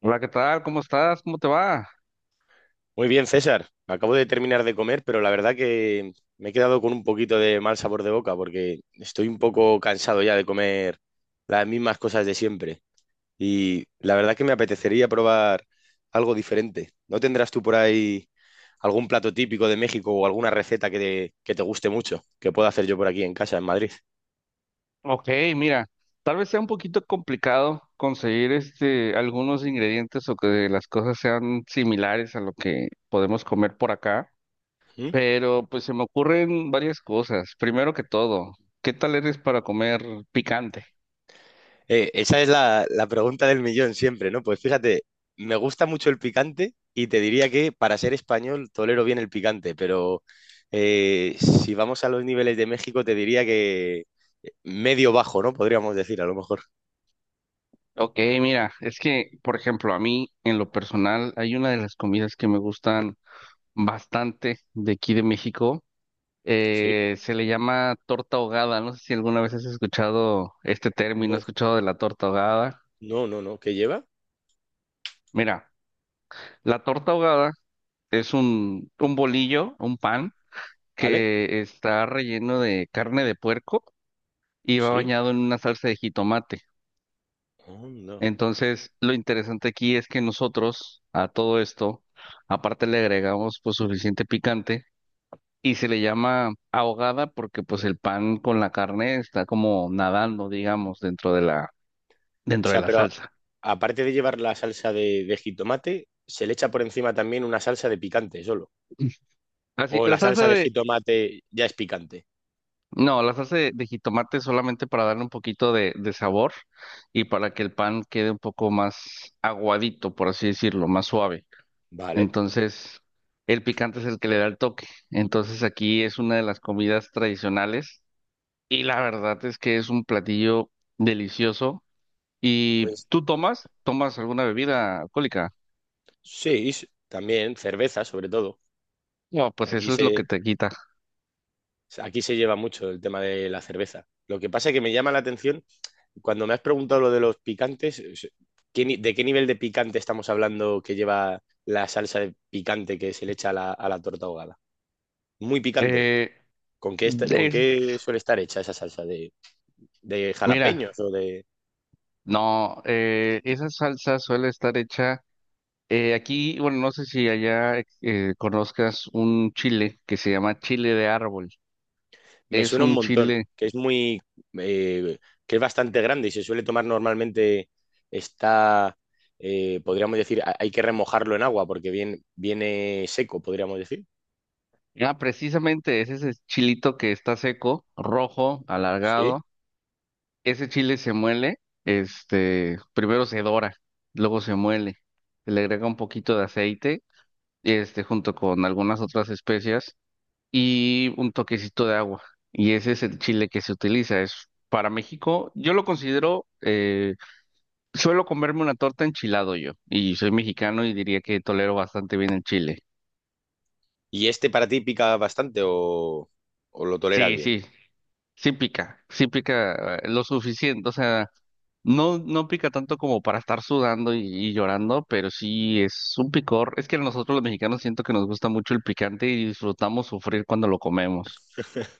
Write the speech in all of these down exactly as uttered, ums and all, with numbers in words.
Hola, ¿qué tal? ¿Cómo estás? ¿Cómo te va? Muy bien, César. Acabo de terminar de comer, pero la verdad que me he quedado con un poquito de mal sabor de boca porque estoy un poco cansado ya de comer las mismas cosas de siempre. Y la verdad que me apetecería probar algo diferente. ¿No tendrás tú por ahí algún plato típico de México o alguna receta que te, que te guste mucho que pueda hacer yo por aquí en casa, en Madrid? Ok, mira, tal vez sea un poquito complicado conseguir este algunos ingredientes o que las cosas sean similares a lo que podemos comer por acá, pero pues se me ocurren varias cosas. Primero que todo, ¿qué tal eres para comer picante? Eh, esa es la, la pregunta del millón siempre, ¿no? Pues fíjate, me gusta mucho el picante y te diría que para ser español tolero bien el picante, pero eh, si vamos a los niveles de México te diría que eh, medio bajo, ¿no? Podríamos decir a lo mejor. Ok, mira, es que, por ejemplo, a mí en lo personal hay una de las comidas que me gustan bastante de aquí de México. Sí, Eh, se le llama torta ahogada. No sé si alguna vez has escuchado este término, no, has escuchado de la torta ahogada. no, no, no. ¿Qué lleva? Mira, la torta ahogada es un, un bolillo, un pan, ¿Vale? que está relleno de carne de puerco y va Sí. bañado en una salsa de jitomate. Oh, no. O Entonces, lo interesante aquí es que nosotros, a todo esto, aparte le agregamos pues suficiente picante, y se le llama ahogada porque pues el pan con la carne está como nadando, digamos, dentro de la dentro de sea, la pero salsa. aparte de llevar la salsa de, de jitomate, se le echa por encima también una salsa de picante solo. Así, O la la salsa salsa de de, jitomate ya es picante. no, la salsa de, de jitomate es solamente para darle un poquito de, de sabor y para que el pan quede un poco más aguadito, por así decirlo, más suave. Vale. Entonces, el picante es el que le da el toque. Entonces, aquí es una de las comidas tradicionales y la verdad es que es un platillo delicioso. ¿Y Pues tú tomas? ¿Tomas alguna bebida alcohólica? Sí, s- también cerveza, sobre todo. No, que pues Aquí eso es lo que se, te quita. aquí se lleva mucho el tema de la cerveza. Lo que pasa es que me llama la atención, cuando me has preguntado lo de los picantes, es- ¿qué ni- ¿de qué nivel de picante estamos hablando que lleva la salsa de picante que se le echa a la, a la torta ahogada? Muy picante. Eh, ¿Con qué, esta- con es, qué suele estar hecha esa salsa? ¿De, de Mira. jalapeños o de...? No, eh, esa salsa suele estar hecha eh, aquí, bueno, no sé si allá eh, eh, conozcas un chile que se llama chile de árbol. Me Es suena un un montón, chile, que es muy, eh, que es bastante grande y se suele tomar normalmente, está, eh, podríamos decir, ha- hay que remojarlo en agua porque viene, viene seco, podríamos decir. ah, precisamente es ese chilito que está seco, rojo, Sí. alargado. Ese chile se muele, este, primero se dora, luego se muele, se le agrega un poquito de aceite, este, junto con algunas otras especias. Y un toquecito de agua. Y ese es el chile que se utiliza. Es para México, yo lo considero, eh, suelo comerme una torta enchilado yo, y soy mexicano y diría que tolero bastante bien el chile. ¿Y este para ti pica bastante o, o lo toleras Sí, bien? sí, sí pica, sí pica eh, lo suficiente, o sea, no, no pica tanto como para estar sudando y, y llorando, pero sí es un picor. Es que nosotros los mexicanos siento que nos gusta mucho el picante y disfrutamos sufrir cuando lo comemos.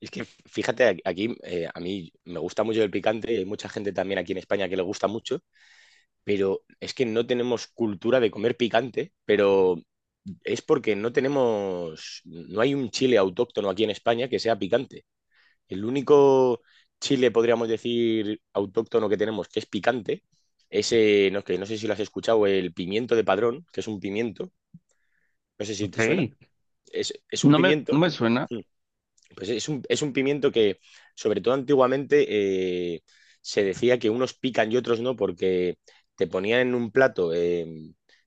Es que fíjate, aquí aquí, eh, a mí me gusta mucho el picante, y hay mucha gente también aquí en España que le gusta mucho, pero es que no tenemos cultura de comer picante, pero es porque no tenemos, no hay un chile autóctono aquí en España que sea picante. El único chile, podríamos decir, autóctono que tenemos que es picante, ese, no, que no sé si lo has escuchado, el pimiento de padrón, que es un pimiento, no sé si Ok. te suena, es, es un No me, no pimiento, me suena. mm, pues es un, es un pimiento que, sobre todo antiguamente, eh, se decía que unos pican y otros no, porque te ponían en un plato, eh,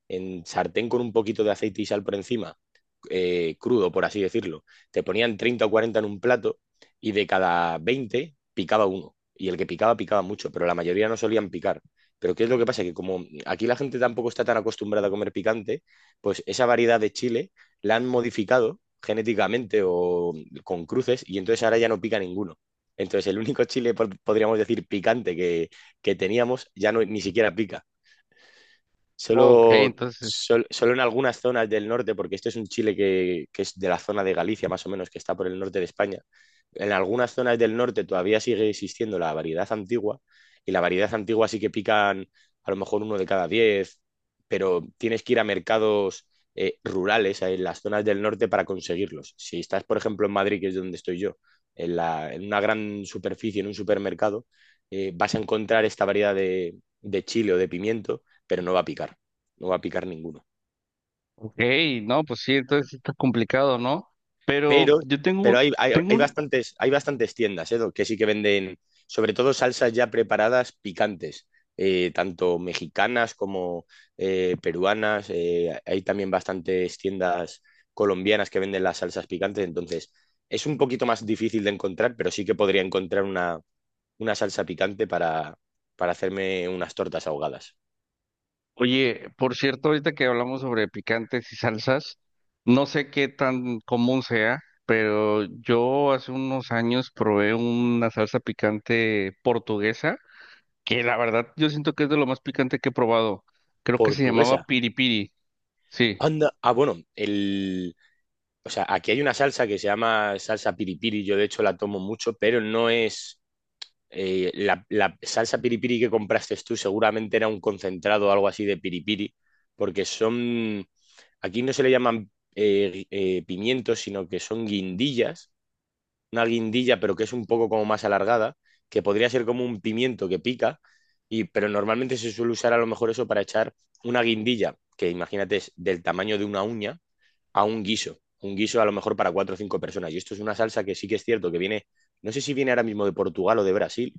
en sartén con un poquito de aceite y sal por encima, eh, crudo, por así decirlo. Te ponían treinta o cuarenta en un plato y de cada veinte picaba uno. Y el que picaba, picaba mucho, pero la mayoría no solían picar. Pero ¿qué es lo que pasa? Que como aquí la gente tampoco está tan acostumbrada a comer picante, pues esa variedad de chile la han modificado genéticamente o con cruces y entonces ahora ya no pica ninguno. Entonces el único chile, pod- podríamos decir, picante que, que teníamos ya no, ni siquiera pica. Ok, Solo, entonces, sol- solo en algunas zonas del norte, porque este es un chile que, que es de la zona de Galicia, más o menos, que está por el norte de España. En algunas zonas del norte todavía sigue existiendo la variedad antigua, y la variedad antigua sí que pican a lo mejor uno de cada diez, pero tienes que ir a mercados eh, rurales eh, en las zonas del norte para conseguirlos. Si estás, por ejemplo, en Madrid, que es donde estoy yo, en la- en una gran superficie, en un supermercado, eh, vas a encontrar esta variedad de de chile o de pimiento, pero no va a picar, no va a picar ninguno. ok, no, pues sí, entonces sí está complicado, ¿no? Pero Pero, yo tengo un, pero hay, hay, tengo hay un, bastantes, hay bastantes tiendas, ¿eh, Doc?, que sí que venden, sobre todo salsas ya preparadas picantes, eh, tanto mexicanas como eh, peruanas. eh, hay también bastantes tiendas colombianas que venden las salsas picantes, entonces es un poquito más difícil de encontrar, pero sí que podría encontrar una, una salsa picante para, para hacerme unas tortas ahogadas. oye, por cierto, ahorita que hablamos sobre picantes y salsas, no sé qué tan común sea, pero yo hace unos años probé una salsa picante portuguesa, que la verdad yo siento que es de lo más picante que he probado. Creo que se llamaba Portuguesa. piripiri, sí. Anda, ah, bueno, el o sea, aquí hay una salsa que se llama salsa piripiri, yo de hecho la tomo mucho, pero no es eh, la, la salsa piripiri que compraste tú, seguramente era un concentrado o algo así de piripiri, porque son, aquí no se le llaman eh, eh, pimientos, sino que son guindillas, una guindilla pero que es un poco como más alargada, que podría ser como un pimiento que pica, y, pero normalmente se suele usar a lo mejor eso para echar una guindilla, que imagínate es del tamaño de una uña a un guiso, un guiso, a lo mejor para cuatro o cinco personas. Y esto es una salsa que sí que es cierto que viene, no sé si viene ahora mismo de Portugal o de Brasil,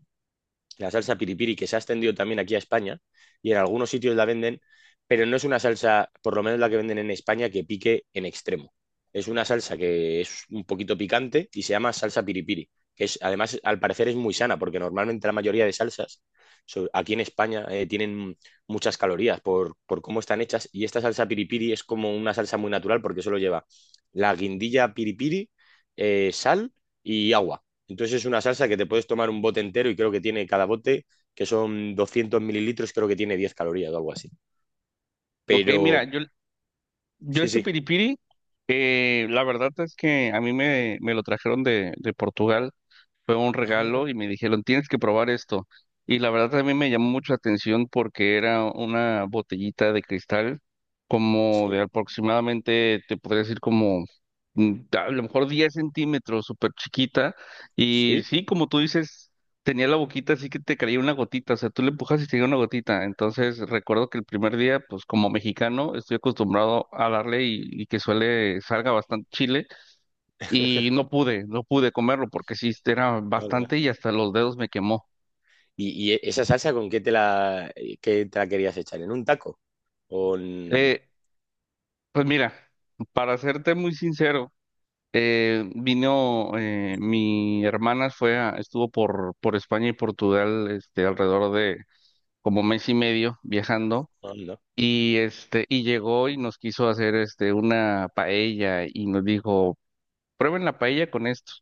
la salsa piripiri, que se ha extendido también aquí a España y en algunos sitios la venden, pero no es una salsa, por lo menos la que venden en España, que pique en extremo. Es una salsa que es un poquito picante y se llama salsa piripiri, que es, además al parecer es muy sana, porque normalmente la mayoría de salsas so- aquí en España eh, tienen muchas calorías por, por cómo están hechas y esta salsa piripiri es como una salsa muy natural porque solo lleva la guindilla piripiri, eh, sal y agua. Entonces es una salsa que te puedes tomar un bote entero y creo que tiene cada bote, que son doscientos mililitros, creo que tiene diez calorías o algo así. Ok, Pero mira, yo, yo sí, este sí. piripiri, eh, la verdad es que a mí me, me lo trajeron de, de Portugal. Fue un Ah, regalo y me dijeron, tienes que probar esto. Y la verdad también me llamó mucho la atención porque era una botellita de cristal, como sí, de aproximadamente, te podría decir como mm, a lo mejor diez centímetros, súper chiquita. Y sí. sí, como tú dices, tenía la boquita así que te caía una gotita, o sea, tú le empujas y te caía una gotita. Entonces recuerdo que el primer día, pues como mexicano, estoy acostumbrado a darle y, y que suele salga bastante chile y no pude, no pude comerlo porque sí era Anda. bastante y hasta los dedos me quemó. ¿Y, y esa salsa con qué te la, eh, qué te la querías echar? ¿En un taco? ¿O en... Eh, pues mira, para serte muy sincero, eh, vino eh, mi hermana fue a- estuvo por por España y Portugal, este, alrededor de como mes y medio viajando Anda. y este y llegó y nos quiso hacer este una paella y nos dijo, prueben la paella con esto.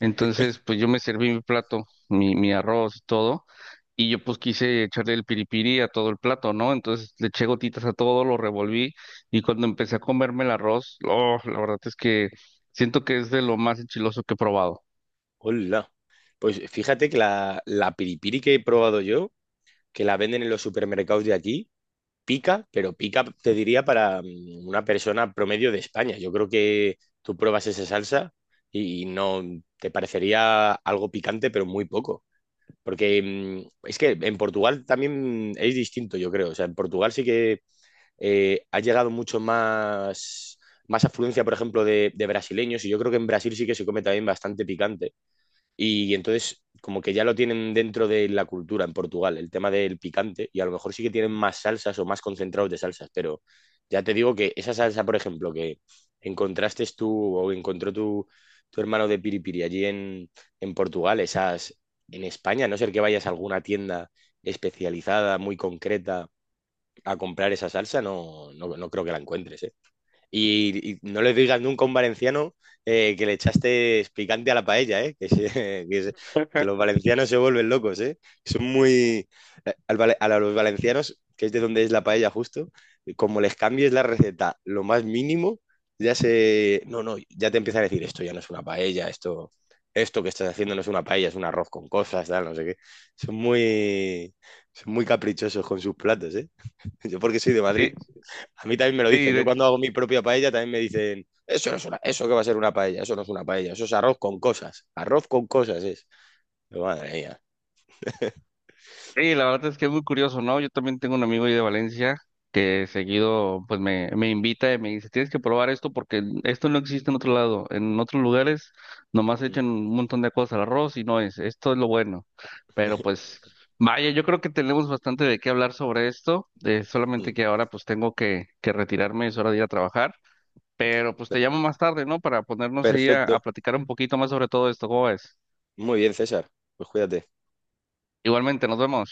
Entonces, pues yo me serví mi plato, mi, mi arroz y todo. Y yo pues quise echarle el piripiri a todo el plato, ¿no? Entonces le eché gotitas a todo, lo revolví, y cuando empecé a comerme el arroz, oh, la verdad es que siento que es de lo más enchiloso que he probado. Hola. Pues fíjate que la, la piripiri que he probado yo, que la venden en los supermercados de aquí, pica, pero pica, te diría, para mm, una persona promedio de España. Yo creo que tú pruebas esa salsa y no te parecería algo picante, pero muy poco. Porque mm, es que en Portugal también es distinto, yo creo. O sea, en Portugal sí que eh, ha llegado mucho más, más afluencia, por ejemplo, de, de brasileños. Y yo creo que en Brasil sí que se come también bastante picante. Y entonces, como que ya lo tienen dentro de la cultura en Portugal, el tema del picante, y a lo mejor sí que tienen más salsas o más concentrados de salsas, pero ya te digo que esa salsa, por ejemplo, que encontraste tú o encontró tu, tu hermano de Piripiri allí en, en Portugal, esas en España, a no ser que vayas a alguna tienda especializada, muy concreta, a comprar esa salsa, no, no, no creo que la encuentres, ¿eh? Y, y no le digas nunca a un valenciano eh, que le echaste picante a la paella, ¿eh? Que, se- que se- que los valencianos se vuelven locos, ¿eh? Son muy... eh, al vale- a los valencianos, que es de donde es la paella justo, como les cambies la receta lo más mínimo, ya se... No, no, ya te empiezan a decir, esto ya no es una paella, esto... Esto que estás haciendo no es una paella, es un arroz con cosas, tal, no sé qué. Son muy, son muy caprichosos con sus platos, ¿eh? Yo porque soy de Madrid. Sí, A mí también me lo sí, dicen. Yo de, cuando hago mi propia paella también me dicen, eso no es una, eso que va a ser una paella, eso no es una paella, eso es arroz con cosas. Arroz con cosas es. Madre mía. sí, la verdad es que es muy curioso, ¿no? Yo también tengo un amigo ahí de Valencia que seguido pues me, me invita y me dice, tienes que probar esto porque esto no existe en otro lado. En otros lugares nomás echan un montón de cosas al arroz y no es, esto es lo bueno. Pero pues vaya, yo creo que tenemos bastante de qué hablar sobre esto, eh, solamente que ahora pues tengo que, que retirarme, es hora de ir a trabajar, pero pues te llamo más tarde, ¿no? Para ponernos ahí a, a Perfecto. platicar un poquito más sobre todo esto, ¿cómo es? Muy bien, César. Pues cuídate. Igualmente, nos vemos.